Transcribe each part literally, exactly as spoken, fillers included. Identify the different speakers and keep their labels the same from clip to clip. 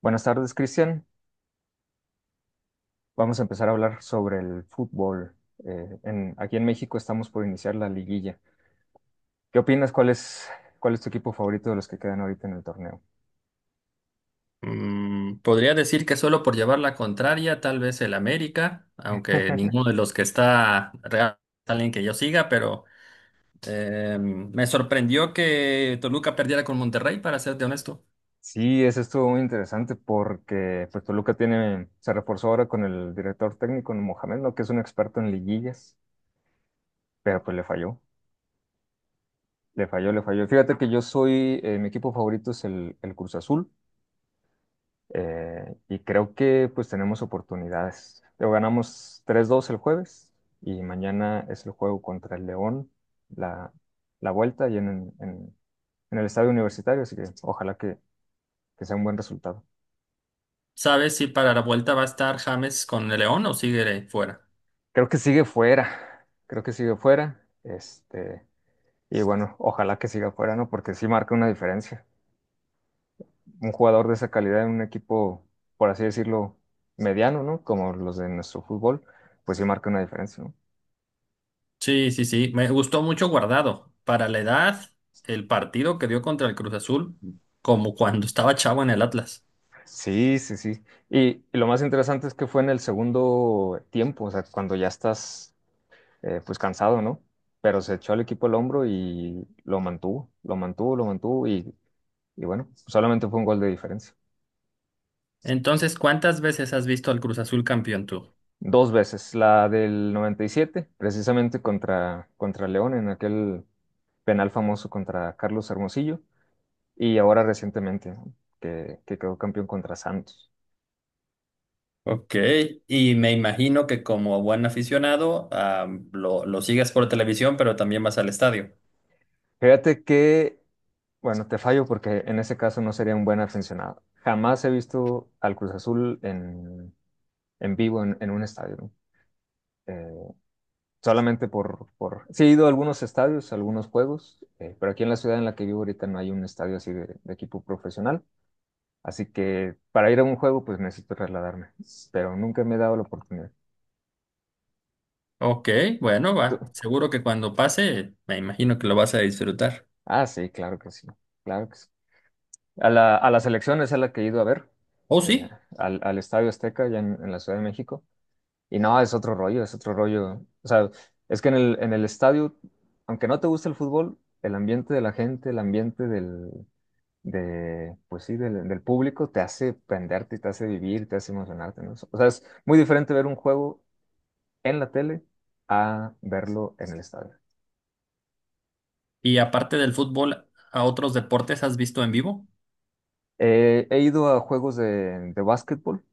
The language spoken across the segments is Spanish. Speaker 1: Buenas tardes, Cristian. Vamos a empezar a hablar sobre el fútbol. Eh, en- aquí en México estamos por iniciar la liguilla. ¿Qué opinas? ¿Cuál es, cuál es tu equipo favorito de los que quedan ahorita en el torneo?
Speaker 2: Mm, podría decir que solo por llevar la contraria, tal vez el América, aunque ninguno de los que está real es alguien que yo siga, pero eh, me sorprendió que Toluca perdiera con Monterrey, para serte honesto.
Speaker 1: Sí, eso estuvo muy interesante porque pues, Toluca tiene, se reforzó ahora con el director técnico Mohamed, ¿no?, que es un experto en liguillas, pero pues le falló, le falló, le falló. Fíjate que yo soy, eh, mi equipo favorito es el, el Cruz Azul. Eh, y creo que pues tenemos oportunidades. Lo ganamos tres dos el jueves y mañana es el juego contra el León, la, la vuelta y en, en- en el estadio universitario, así que ojalá que, que sea un buen resultado.
Speaker 2: ¿Sabes si para la vuelta va a estar James con el León o sigue fuera?
Speaker 1: Creo que sigue fuera, creo que sigue fuera, este, y bueno, ojalá que siga fuera, ¿no? Porque sí marca una diferencia. Un jugador de esa calidad en un equipo, por así decirlo, mediano, ¿no? Como los de nuestro fútbol, pues sí marca una diferencia, ¿no?
Speaker 2: Sí, sí, sí, me gustó mucho Guardado. Para la edad, el partido que dio contra el Cruz Azul, como cuando estaba chavo en el Atlas.
Speaker 1: Sí, sí, sí. Y, y lo más interesante es que fue en el segundo tiempo, o sea, cuando ya estás, eh, pues cansado, ¿no? Pero se echó al equipo el hombro y lo mantuvo, lo mantuvo, lo mantuvo, y, y bueno, solamente fue un gol de diferencia.
Speaker 2: Entonces, ¿cuántas veces has visto al Cruz Azul campeón tú?
Speaker 1: Dos veces, la del noventa y siete, precisamente contra, contra, León en aquel penal famoso contra Carlos Hermosillo y ahora recientemente, ¿no?, que, que quedó campeón contra Santos.
Speaker 2: Ok, y me imagino que como buen aficionado, ah, lo, lo sigas por televisión, pero también vas al estadio.
Speaker 1: Fíjate que Bueno, te fallo porque en ese caso no sería un buen aficionado. Jamás he visto al Cruz Azul en, en vivo, en, en un estadio, ¿no? Eh, solamente por, por... Sí, he ido a algunos estadios, a algunos juegos, eh, pero aquí en la ciudad en la que vivo ahorita no hay un estadio así de, de equipo profesional. Así que para ir a un juego, pues necesito trasladarme. Pero nunca me he dado la oportunidad.
Speaker 2: Ok, bueno, va.
Speaker 1: ¿Tú?
Speaker 2: Seguro que cuando pase, me imagino que lo vas a disfrutar.
Speaker 1: Ah, sí, claro que sí. Claro que sí. A la, a la selección es a la que he ido a ver,
Speaker 2: Oh,
Speaker 1: eh,
Speaker 2: sí.
Speaker 1: al, al Estadio Azteca, allá en en la Ciudad de México. Y no, es otro rollo, es otro rollo. O sea, es que en el, en el estadio, aunque no te guste el fútbol, el ambiente de la gente, el ambiente del, de, pues sí, del, del público te hace prenderte, te hace vivir, te hace emocionarte, ¿no? O sea, es muy diferente ver un juego en la tele a verlo en el estadio.
Speaker 2: Y aparte del fútbol, ¿a otros deportes has visto en vivo?
Speaker 1: Eh, he ido a juegos de, de básquetbol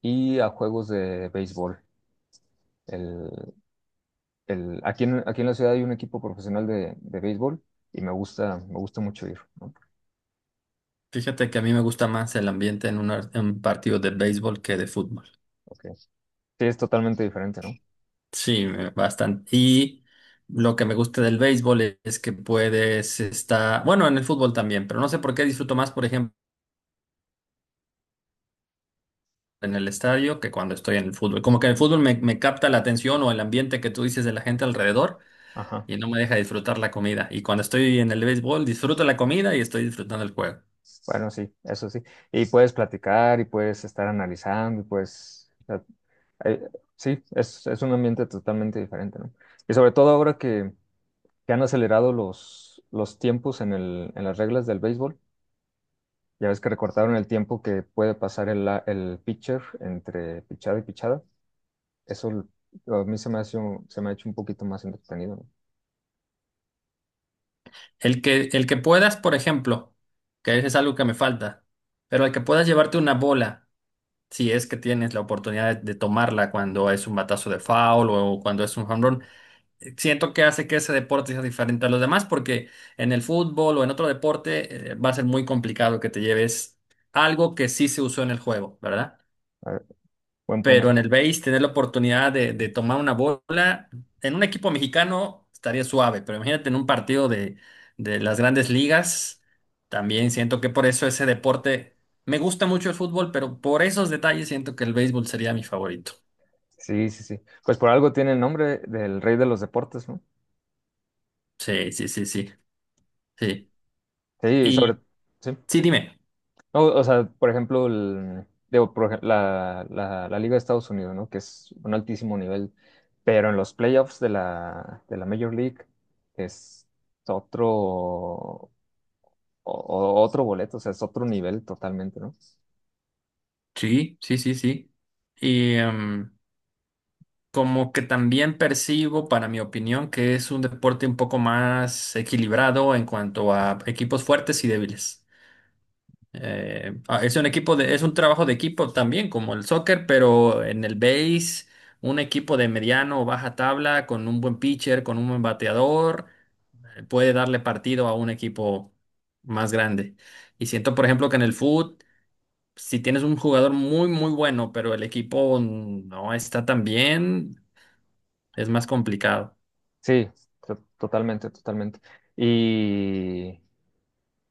Speaker 1: y a juegos de béisbol. El, el, aquí en, aquí en la ciudad hay un equipo profesional de, de béisbol y me gusta, me gusta mucho ir, ¿no?
Speaker 2: Fíjate que a mí me gusta más el ambiente en una- en un partido de béisbol que de fútbol.
Speaker 1: Ok. Sí, es totalmente diferente, ¿no?
Speaker 2: Sí, me- bastante. Y lo que me gusta del béisbol es que puedes estar, bueno, en el fútbol también, pero no sé por qué disfruto más, por ejemplo. En el estadio que cuando estoy en el fútbol. Como que en el fútbol me, me capta la atención o el ambiente que tú dices de la gente alrededor
Speaker 1: Ajá.
Speaker 2: y no me deja disfrutar la comida. Y cuando estoy en el béisbol, disfruto la comida y estoy disfrutando el juego.
Speaker 1: Bueno, sí, eso sí. Y puedes platicar y puedes estar analizando y puedes, o sea, eh, sí, es, es un ambiente totalmente diferente, ¿no? Y sobre todo ahora que, que han acelerado los, los tiempos en el, en las reglas del béisbol, ya ves que recortaron el tiempo que puede pasar el, la- el pitcher entre pichada y pichada. Eso a mí se me hace un- se me ha hecho un poquito más entretenido, ¿no?
Speaker 2: El que, el que puedas, por ejemplo, que eso es algo que me falta, pero el que puedas llevarte una bola, si es que tienes la oportunidad de, de tomarla cuando es un batazo de foul o cuando es un jonrón, siento que hace que ese deporte sea diferente a los demás, porque en el fútbol o en otro deporte eh, va a ser muy complicado que te lleves algo que sí se usó en el juego, ¿verdad?
Speaker 1: A ver, buen
Speaker 2: Pero en
Speaker 1: punto.
Speaker 2: el base, tener la oportunidad de, de tomar una bola, en un equipo mexicano estaría suave, pero imagínate en un partido de, de las grandes ligas, también siento que por eso ese deporte, me gusta mucho el fútbol, pero por esos detalles siento que el béisbol sería mi favorito.
Speaker 1: Sí, sí, sí. Pues por algo tiene el nombre del rey de los deportes, ¿no?
Speaker 2: Sí, sí, sí, sí, sí.
Speaker 1: Sí, sobre,
Speaker 2: Y
Speaker 1: sí.
Speaker 2: sí, dime.
Speaker 1: No, o sea, por ejemplo, el- digo, por ej- la, la- la Liga de Estados Unidos, ¿no? Que es un altísimo nivel, pero en los playoffs de la, de la Major League es otro, o- o- otro boleto, o sea, es otro nivel totalmente, ¿no?
Speaker 2: Sí, sí, sí, sí. Y em, como que también percibo, para mi opinión, que es un deporte un poco más equilibrado en cuanto a equipos fuertes y débiles. Eh, ah, es un equipo de, es un trabajo de equipo también, como el soccer, pero en el base, un equipo de mediano o baja tabla, con un buen pitcher, con un buen bateador, eh, puede darle partido a un equipo más grande. Y siento, por ejemplo, que en el fútbol si tienes un jugador muy, muy bueno, pero el equipo no está tan bien, es más complicado.
Speaker 1: Sí, to- totalmente, totalmente. Y,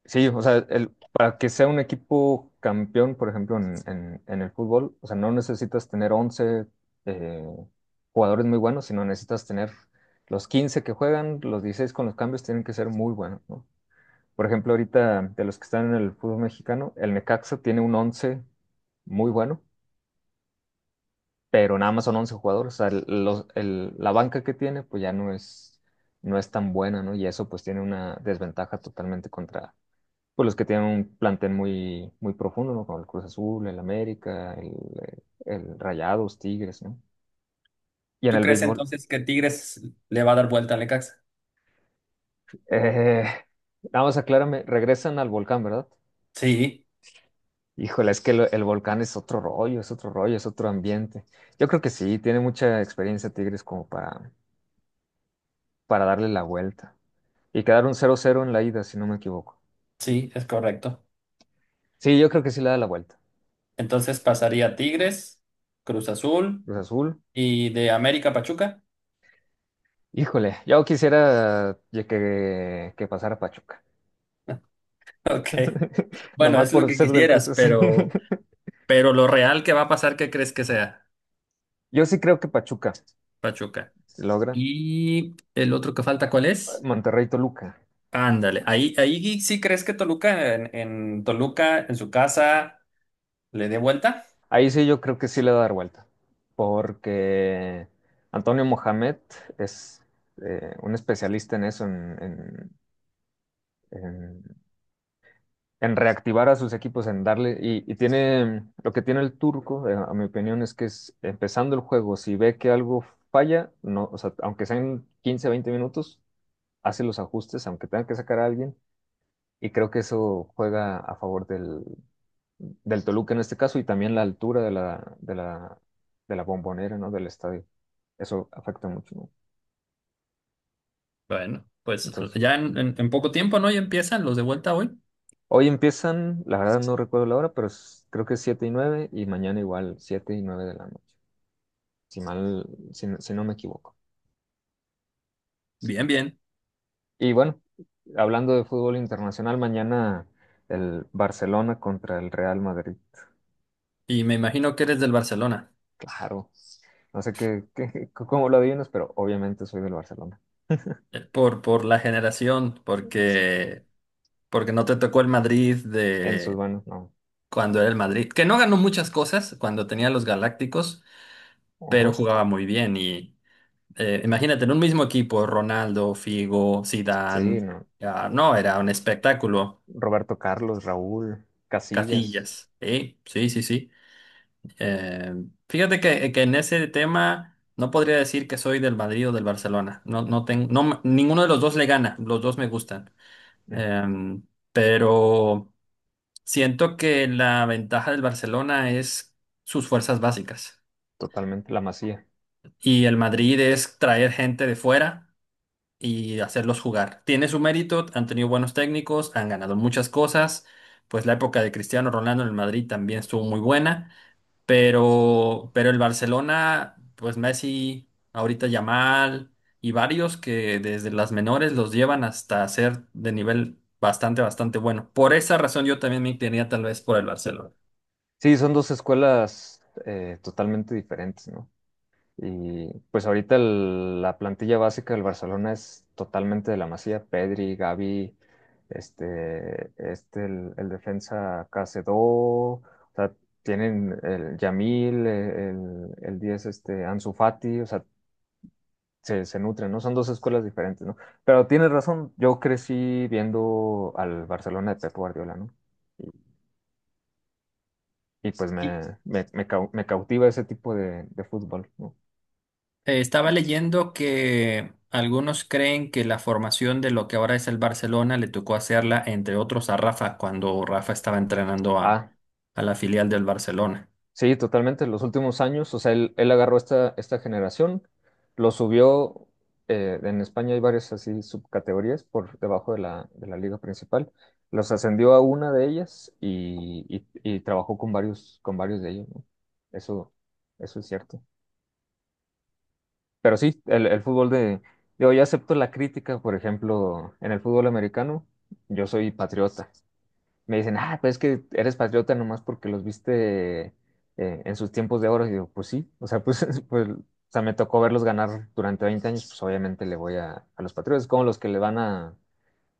Speaker 1: Sí, o sea, el, para que sea un equipo campeón, por ejemplo, en, en- en el fútbol, o sea, no necesitas tener once, eh, jugadores muy buenos, sino necesitas tener los quince que juegan, los dieciséis con los cambios tienen que ser muy buenos, ¿no? Por ejemplo, ahorita de los que están en el fútbol mexicano, el Necaxa tiene un once muy bueno, pero nada más son once jugadores, o sea, el- los- el- la banca que tiene, pues ya no es, no es tan buena, ¿no? Y eso pues tiene una desventaja totalmente contra pues los que tienen un plantel muy, muy profundo, ¿no? Como el Cruz Azul, el América, el, el Rayados, Tigres, ¿no? Y en
Speaker 2: ¿Tú
Speaker 1: el
Speaker 2: crees
Speaker 1: béisbol.
Speaker 2: entonces que Tigres le va a dar vuelta al Necaxa?
Speaker 1: Eh, Nada más aclárame, regresan al volcán, ¿verdad?
Speaker 2: Sí,
Speaker 1: Híjole, es que lo- el volcán es otro rollo, es otro rollo, es otro ambiente. Yo creo que sí, tiene mucha experiencia Tigres como para, para darle la vuelta. Y quedaron cero cero en la ida, si no me equivoco.
Speaker 2: sí, es correcto.
Speaker 1: Sí, yo creo que sí le da la vuelta.
Speaker 2: Entonces pasaría Tigres, Cruz Azul
Speaker 1: Cruz Azul,
Speaker 2: y de América Pachuca.
Speaker 1: híjole, yo quisiera que, que pasara Pachuca.
Speaker 2: Ok. Bueno,
Speaker 1: Nomás
Speaker 2: es lo
Speaker 1: por
Speaker 2: que
Speaker 1: ser del Cruz
Speaker 2: quisieras,
Speaker 1: Azul.
Speaker 2: pero, pero lo real que va a pasar, ¿qué crees que sea,
Speaker 1: Yo sí creo que Pachuca
Speaker 2: Pachuca?
Speaker 1: se logra.
Speaker 2: Y el otro que falta, ¿cuál es?
Speaker 1: Monterrey Toluca.
Speaker 2: Ándale, ahí, ahí sí crees que Toluca en, en Toluca, ¿en su casa? Le dé vuelta.
Speaker 1: Ahí sí yo creo que sí le va a dar vuelta. Porque Antonio Mohamed es, eh, un especialista en eso, en, en- en- en reactivar a sus equipos, en darle. Y, y tiene lo que tiene el turco, eh, a mi opinión, es que es empezando el juego, si ve que algo falla, no, o sea, aunque sean quince, veinte minutos, hace los ajustes, aunque tenga que sacar a alguien. Y creo que eso juega a favor del, del Toluca en este caso y también la altura de la, de la, de la Bombonera, ¿no? Del estadio. Eso afecta mucho, ¿no?
Speaker 2: Bueno, pues
Speaker 1: Entonces,
Speaker 2: ya en, en- en poco tiempo, ¿no? Ya empiezan los de vuelta hoy.
Speaker 1: hoy empiezan, la verdad no recuerdo la hora, pero es- creo que es siete y nueve y mañana igual siete y nueve de la noche, si mal, si, no- si no me equivoco.
Speaker 2: Bien, bien.
Speaker 1: Y bueno, hablando de fútbol internacional, mañana el Barcelona contra el Real Madrid.
Speaker 2: Y me imagino que eres del Barcelona,
Speaker 1: Claro, no sé qué, qué- cómo lo adivinas, pero obviamente soy del Barcelona.
Speaker 2: eh, por, por la generación, porque, porque no te tocó el Madrid
Speaker 1: En sus
Speaker 2: de
Speaker 1: manos no.
Speaker 2: cuando era el Madrid, que no ganó muchas cosas cuando tenía los Galácticos, pero
Speaker 1: Ujú.
Speaker 2: jugaba muy bien. Y eh, imagínate, en un mismo equipo, Ronaldo, Figo,
Speaker 1: Sí,
Speaker 2: Zidane,
Speaker 1: no.
Speaker 2: ah, no, era un espectáculo.
Speaker 1: Roberto Carlos, Raúl, Casillas,
Speaker 2: Casillas, ¿eh? Sí, sí, sí. Eh, fíjate que, que en ese tema no podría decir que soy del Madrid o del Barcelona. No, no tengo, no, me- ninguno de los dos le gana, los dos me gustan.
Speaker 1: mm,
Speaker 2: Eh, pero siento que la ventaja del Barcelona es sus fuerzas básicas.
Speaker 1: totalmente La Masía.
Speaker 2: Y el Madrid es traer gente de fuera y hacerlos jugar. Tiene su mérito, han tenido buenos técnicos, han ganado muchas cosas. Pues la época de Cristiano Ronaldo en el Madrid también estuvo muy buena. Pero, pero el Barcelona, pues Messi, ahorita Yamal y varios que desde las menores los llevan hasta ser de nivel bastante, bastante bueno. Por esa razón yo también me inclinaría tal vez por el Barcelona.
Speaker 1: Sí, son dos escuelas eh, totalmente diferentes, ¿no? Y pues ahorita el- la plantilla básica del Barcelona es totalmente de La Masía, Pedri, Gavi, este, este, el, el defensa Cacedó. O sea, tienen el Yamil, el, el, el diez, este, Ansu Fati. O sea, se, se nutren, ¿no? Son dos escuelas diferentes, ¿no? Pero tienes razón, yo crecí viendo al Barcelona de Pep Guardiola, ¿no? Y, y pues
Speaker 2: Y,
Speaker 1: me, me, me cau- me cautiva ese tipo de, de fútbol, ¿no?
Speaker 2: eh, estaba leyendo que algunos creen que la formación de lo que ahora es el Barcelona le tocó hacerla, entre otros, a Rafa cuando Rafa estaba entrenando a,
Speaker 1: Ah,
Speaker 2: a la filial del Barcelona.
Speaker 1: sí, totalmente, los últimos años, o sea, él, él agarró esta, esta generación, lo subió, eh, en España hay varias así subcategorías por debajo de la, de la liga principal, los ascendió a una de ellas y, y, y trabajó con varios, con varios de ellos, ¿no? Eso, eso es cierto. Pero sí, el, el fútbol de, digo, yo acepto la crítica, por ejemplo, en el fútbol americano, yo soy patriota. Me dicen, ah, pues es que eres patriota nomás porque los viste eh, en sus tiempos de oro. Y digo, pues sí, o sea, pues, pues, o sea, me tocó verlos ganar durante veinte años, pues obviamente le voy a, a los patriotas, como los que le van a,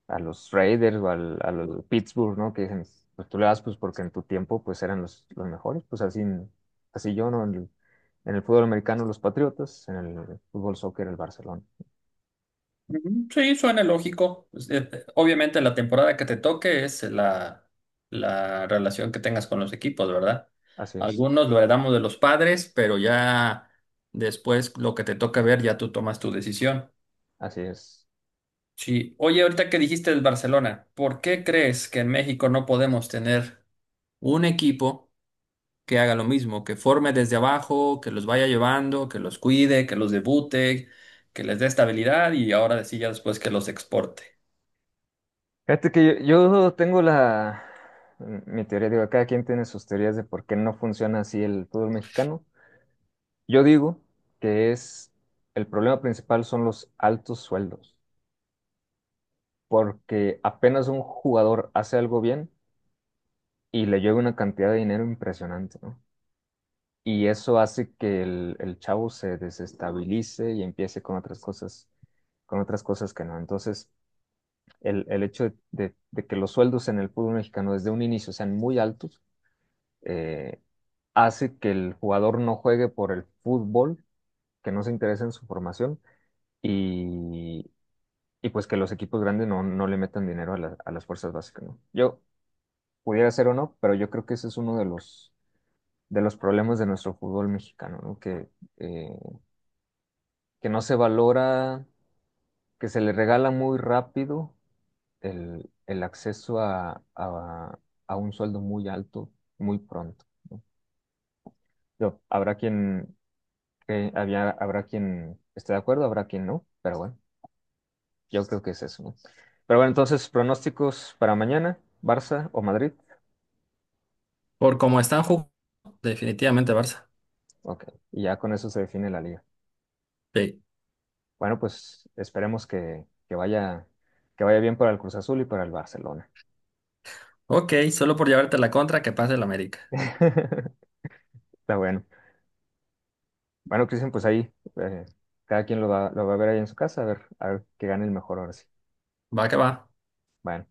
Speaker 1: a los Raiders o al- a los Pittsburgh, ¿no? Que dicen, pues tú le das pues porque en tu tiempo pues eran los, los mejores, pues así, así yo, ¿no? En el, en el fútbol americano los Patriotas, en el fútbol soccer el Barcelona.
Speaker 2: Ujú, sí, suena lógico. Pues, eh, eh, obviamente la temporada que te toque es la, la relación que tengas con los equipos, ¿verdad?
Speaker 1: Así es,
Speaker 2: Algunos lo heredamos de los padres, pero ya después lo que te toca ver, ya tú tomas tu decisión.
Speaker 1: así es.
Speaker 2: Sí, oye, ahorita que dijiste del Barcelona, ¿por qué crees que en México no podemos tener un equipo que haga lo mismo, que forme desde abajo, que los vaya llevando, que los cuide, que los debute, que les dé estabilidad y ahora sí ya después que los exporte?
Speaker 1: Fíjate que yo, yo tengo la, mi teoría, digo, cada quien tiene sus teorías de por qué no funciona así el fútbol mexicano. Yo digo que es, el problema principal son los altos sueldos, porque apenas un jugador hace algo bien, y le llega una cantidad de dinero impresionante, ¿no? Y eso hace que el, el chavo se desestabilice y empiece con otras cosas, con otras cosas que no. Entonces, el, el hecho de, de- de que los sueldos en el fútbol mexicano desde un inicio sean muy altos, eh, hace que el jugador no juegue por el fútbol, que no se interese en su formación y, y pues que los equipos grandes no, no le metan dinero a, la- a las fuerzas básicas, ¿no? Yo pudiera ser o no, pero yo creo que ese es uno de los de los problemas de nuestro fútbol mexicano, ¿no? Que, eh, que no se valora, que se le regala muy rápido el, el acceso a, a- a un sueldo muy alto muy pronto. Yo, habrá quien, que había, habrá quien esté de acuerdo, habrá quien no, pero bueno, yo creo que es eso, ¿no? Pero bueno, entonces, pronósticos para mañana, Barça o Madrid.
Speaker 2: Por cómo están jugando, definitivamente Barça.
Speaker 1: Ok, y ya con eso se define la liga.
Speaker 2: Sí.
Speaker 1: Bueno, pues esperemos que, que vaya, que vaya bien para el Cruz Azul y para el Barcelona.
Speaker 2: Ok, solo por llevarte la contra que pase el América.
Speaker 1: Está bueno. Bueno, Cristian, pues ahí eh, cada quien lo va, lo va a ver ahí en su casa, a ver, a ver que gane el mejor ahora sí.
Speaker 2: Va que va.
Speaker 1: Bueno.